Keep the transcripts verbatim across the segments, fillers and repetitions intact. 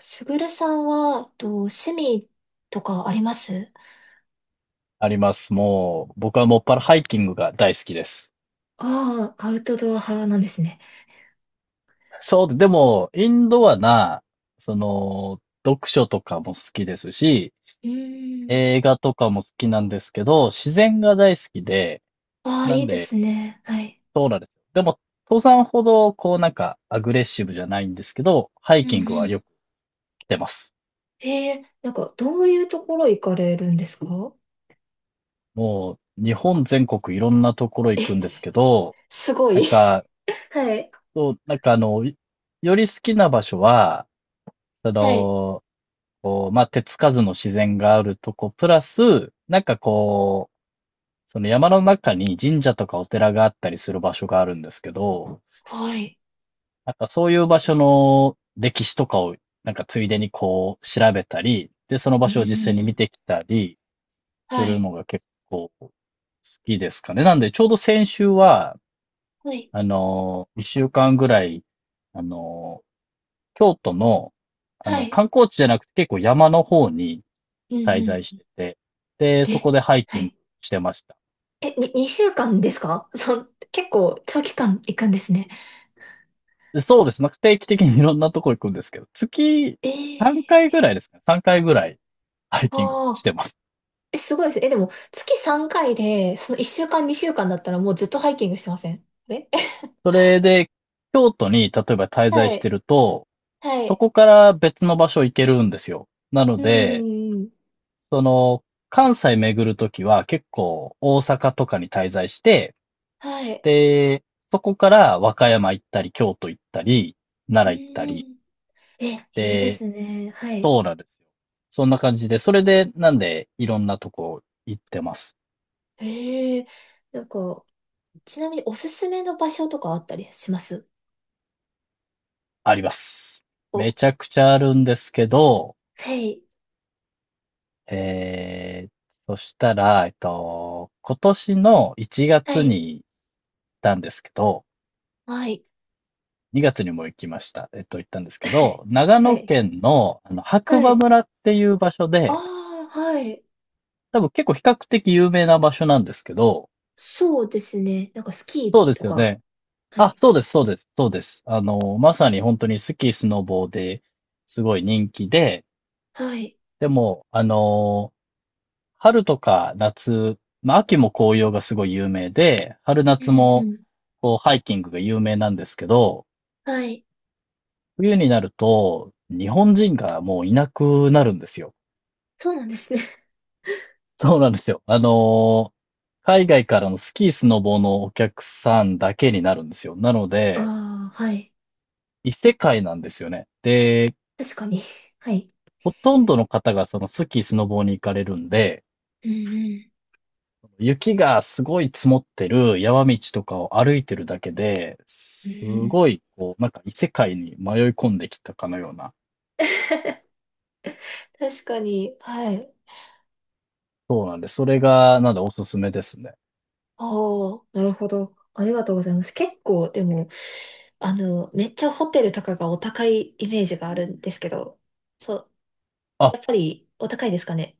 すぐるさんは、えっと、趣味とかあります？あります。もう、僕はもっぱらハイキングが大好きです。ああ、アウトドア派なんですね。そう、でも、インドアな、その、読書とかも好きですし、うーん。映画とかも好きなんですけど、自然が大好きで、ああ、ないいんでで、すね。はい。そうなんです。でも、登山ほど、こうなんか、アグレッシブじゃないんですけど、ハうイキんングうはよん。く行ってます。ええ、なんか、どういうところ行かれるんですか？もう、日本全国いろんなところ行くんですけど、すごい。なん か、はい。そう、なんかあの、より好きな場所は、そはい。の、こう、まあ、手つかずの自然があるとこ、プラス、なんかこう、その山の中に神社とかお寺があったりする場所があるんですけど、はい。なんかそういう場所の歴史とかを、なんかついでにこう、調べたり、で、そのう場所を実際ーに見ん。てきたりすはるい。のが結構好きですかね。なんで、ちょうど先週は、はい。あの、一週間ぐらい、あの、京都の、あはの、い。観光地じゃなくて結構山の方にうん滞在しうん。てて、で、そえ、こでハイはキングい。してました。え、に、にしゅうかんですか？ そう結構長期間行くんですね。でそうですね。定期的にいろんなとこ行くんですけど、月えさんかいえぐらいですかね。さんかいぐらいハイー。キングあしあ。てます。え、すごいですねえ、でも、月さんかいで、そのいっしゅうかん、にしゅうかんだったらもうずっとハイキングしてませんあれ？ それで、京都に例えば滞在はしてい。ると、はそい。こから別の場所行けるんですよ。なのうで、ーん。その、関西巡るときは結構大阪とかに滞在して、はい。で、そこから和歌山行ったり、京都行ったり、う奈良行ったり、ーん。え、いいでで、すね。はい。そうなんですよ。そんな感じで、それで、なんで、いろんなとこ行ってます。へえ。なんか、ちなみにおすすめの場所とかあったりします？あります。めお、ちゃくちゃあるんですけど、はい。えー、そしたら、えっと、今年の1は月い。に行ったんですけど、はい。にがつにも行きました。えっと、行ったんですけ ど、長は野い。県の、あの、白は馬い。村っていう場所あで、あ、はい。多分結構比較的有名な場所なんですけど、そうですね。なんかスキーそうでとすよか。ね。はあ、い。そうです、そうです、そうです。あの、まさに本当にスキー、スノボーですごい人気で、はい。でも、あの、春とか夏、まあ、秋も紅葉がすごい有名で、春うん夏うもん。こうハイキングが有名なんですけど、はい。冬になると日本人がもういなくなるんですよ。そうなんですね。そうなんですよ。あの、海外からのスキー、スノボーのお客さんだけになるんですよ。なので、ああ、はい。異世界なんですよね。で、確かに。はい。ほとんどの方がそのスキー、スノボーに行かれるんで、うんうん。雪がすごい積もってる山道とかを歩いてるだけで、うんうすん。ごい、こう、なんか異世界に迷い込んできたかのような。確かに。はい。そうなんで、それが、なんでおすすめですね。ああ、なるほど。ありがとうございます。結構、でも、あの、めっちゃホテルとかがお高いイメージがあるんですけど、そう、あ、やっぱりお高いですかね？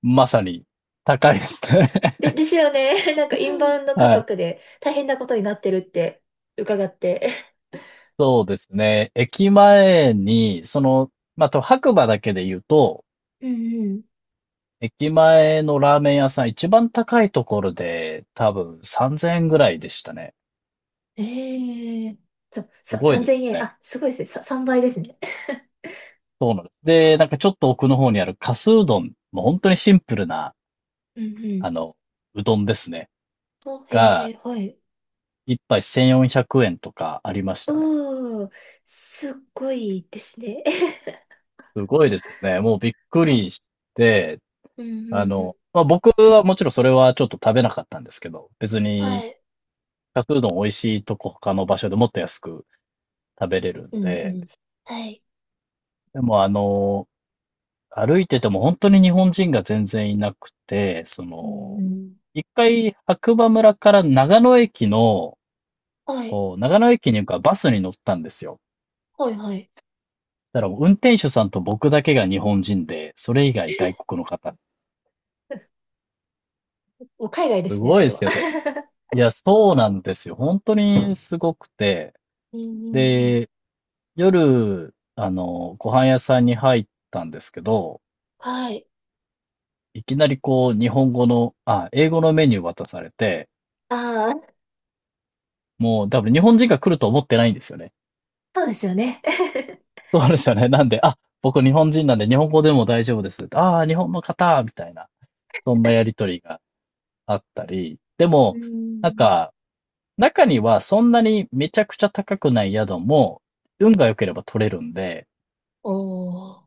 まさに、高いですね。で、で すよね。なんかインバウンド価はい。格で大変なことになってるって伺って。そうですね。駅前に、その、まあ、と白馬だけで言うと、うんうん。駅前のラーメン屋さん、一番高いところで、多分さんぜんえんぐらいでしたね。ええ、そう、すさ、ごいです3000よ円。ね。あ、すごいですね。さ、さんばいですね。で、なんかちょっと奥の方にあるかすうどん、もう本当にシンプルな、うんうん。あの、うどんですね。お、へが、え、はい。一杯せんよんひゃくえんとかありましたね。おー、すっごいですね。すごいですよね。もうびっくりして、うんうあんうん。の、まあ、僕はもちろんそれはちょっと食べなかったんですけど、別はに、い。かすうどん美味しいとこ他の場所でもっと安く食べれるんうんうで、ん。はい。でもあの、歩いてても本当に日本人が全然いなくて、そうんうの、ん。一回白馬村から長野駅の、はい。こう、長野駅に行くからバスに乗ったんですよ。はい、はい。だからもう運転手さんと僕だけが日本人で、それ以外外 国の方。もう海外ですすね、ごそいれでは。すよね。いや、そうなんですよ。本当にすごくて。うんうんうん。で、夜、あの、ご飯屋さんに入ったんですけど、はい。いきなりこう、日本語の、あ、英語のメニュー渡されて、ああ、もう多分日本人が来ると思ってないんですよね。そうですよね。そうですよね。なんで、あ、僕日本人なんで日本語でも大丈夫です。ああ、日本の方みたいな、そんなやりとりがあったり、でうも、なんん。か、中にはそんなにめちゃくちゃ高くない宿も、運が良ければ取れるんで、おー。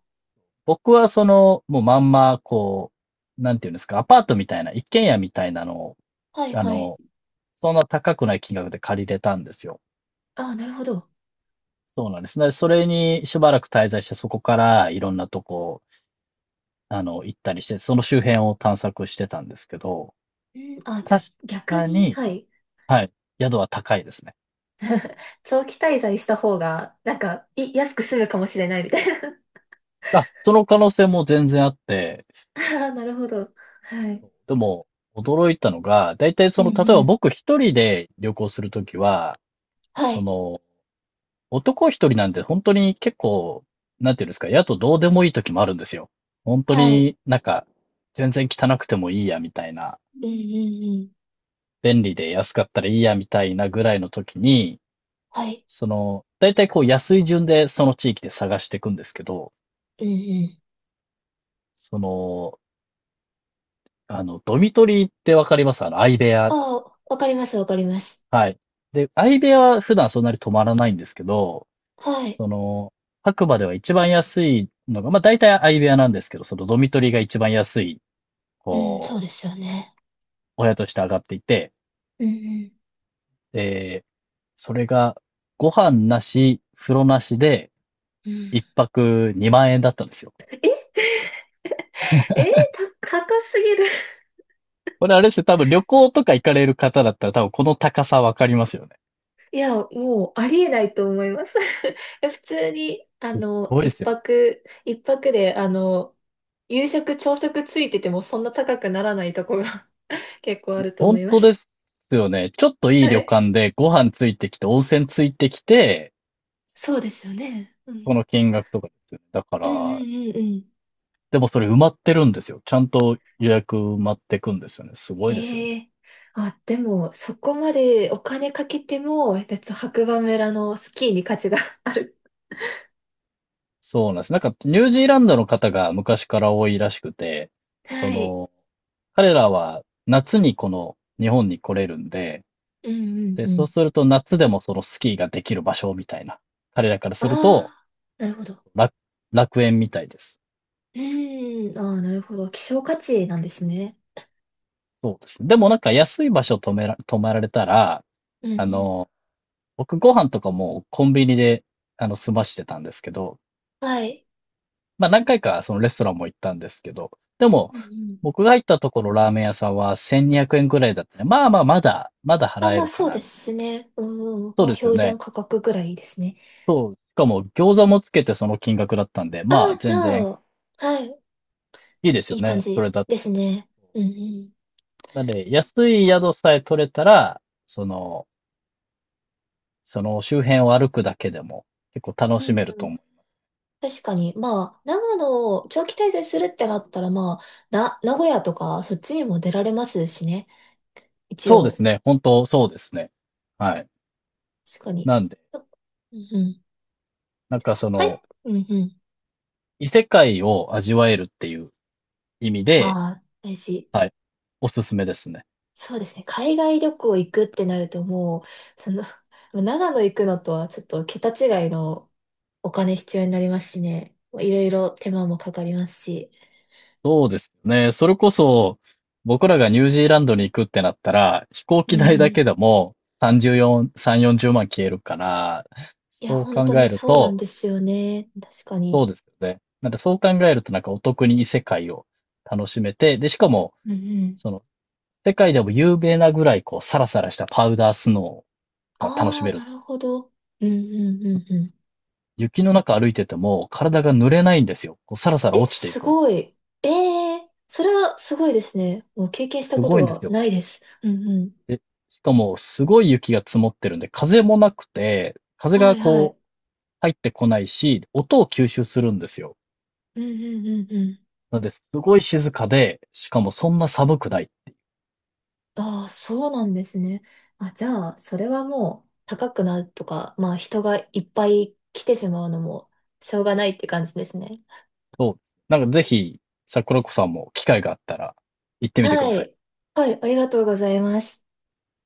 僕はその、もうまんま、こう、なんていうんですか、アパートみたいな、一軒家みたいなのを、はい、あはい。の、そんな高くない金額で借りれたんですよ。ああ、なるほど。そうなんですね。それにしばらく滞在して、そこからいろんなとこ、あの、行ったりして、その周辺を探索してたんですけど、うん、あ、じゃあ確逆かに、に、はい。はい、宿は高いですね。長期滞在した方が、なんか、い、安く済むかもしれないみたいな。あ、その可能性も全然あって、ああ、なるほど。はい。でも驚いたのが、だいたいうその、例んえうばん。僕一人で旅行するときは、はそい。の、男一人なんで本当に結構、なんていうんですか、やとどうでもいいときもあるんですよ。本当はい。になんか、全然汚くてもいいや、みたいな。うんうんうん。便利で安かったらいいや、みたいなぐらいのときに、はい。その、だいたいこう安い順でその地域で探していくんですけど、うんうん。その、あの、ドミトリーってわかります？あの、相部あ屋。あ、わかります、わかります。はい。で、相部屋は普段そんなに泊まらないんですけど、はい。その、白馬では一番安いのが、まあ大体相部屋なんですけど、そのドミトリーが一番安い、うん、そうこでう、すよね。お部屋として上がっていて、うんえそれがご飯なし、風呂なしでうん。うん。一泊にまん円だったんですよ。え、えー、た、高すぎる。これあれですよ、多分旅行とか行かれる方だったら多分この高さわかりますよね。いや、もうありえないと思います。いや普通に、あすっの、ごいで一すよね。泊、一泊で、あの、夕食、朝食ついててもそんな高くならないとこが 結構あると思本いま当です。すよね。ちょっといいは旅い。館でご飯ついてきて、温泉ついてきて、そうですよね。うこん。の金額とかですよね。だかうんうら、んうんうん。でもそれ埋まってるんですよ。ちゃんと予約埋まってくんですよね。すごいですよね。ええ、あ、でも、そこまでお金かけても、えっと白馬村のスキーに価値が ある。そうなんです。なんか、ニュージーランドの方が昔から多いらしくて、そはい。の、彼らは夏にこの日本に来れるんで、うんうんで、うそうん。すると夏でもそのスキーができる場所みたいな。彼らからあするとあ、なるほど。楽、楽園みたいです。うん、ああ、なるほど。希少価値なんですね。そうですね。でもなんか安い場所止めら、泊まられたら、うんうあん。の、僕ご飯とかもコンビニで、あの、済ましてたんですけど、はい。まあ何回かそのレストランも行ったんですけど、でも、うんうん。僕が行ったところラーメン屋さんはせんにひゃくえんぐらいだったね。まあまあまだ、まだあ、払えまあるかそうな。ですね。うんうん。そうまあですよ標準ね。価格ぐらいですね。しかも餃子もつけてその金額だったんで、あまああ、じゃ全然あ、はい。いいですいよい感ね。それじだった。ですね。うんうん。なんで、安い宿さえ取れたら、その、その周辺を歩くだけでも結構楽うしんめるうとん。思う。確かに。まあ、長野を長期滞在するってなったら、まあ、な、名古屋とか、そっちにも出られますしね。一そうで応。すね。本当そうですね。はい。確かに。なんで、うんうん。なんかそはい。の、うんうん。異世界を味わえるっていう意味で、ああ、大事。はい、おすすめですね。そうですね。海外旅行行くってなると、もう、その、長野行くのとはちょっと桁違いのお金必要になりますしね。いろいろ手間もかかりますし。そうですね。それこそ、僕らがニュージーランドに行くってなったら、飛行うん機う代だん。けでもさんじゅうよん、さん、よんじゅうまん消えるから、いや、そう本考当にえるそうなんと、ですよね。確かそうに。ですよね。なんでそう考えるとなんかお得に異世界を楽しめて、で、しかも、うんうん。その、世界でも有名なぐらいこう、サラサラしたパウダースノーが楽しああ、める。なるほど。うんうんうんうん。雪の中歩いてても体が濡れないんですよ。こうサラサえ、ラ落ちていすくの。ごい。ええ、それはすごいですね。もう経験したすことごいんですがよ。ないです。うんうん。で、しかもすごい雪が積もってるんで、風もなくて、風はがいはい。こう入ってこないし、音を吸収するんですよ。うんうんうんうん。なので、すごい静かで、しかもそんな寒くない。ああ、そうなんですね。あ、じゃあ、それはもう高くなるとか、まあ人がいっぱい来てしまうのもしょうがないって感じですね。そう。なんかぜひ、桜子さんも機会があったら行ってみてくはださい。い。はい、ありがとうございます。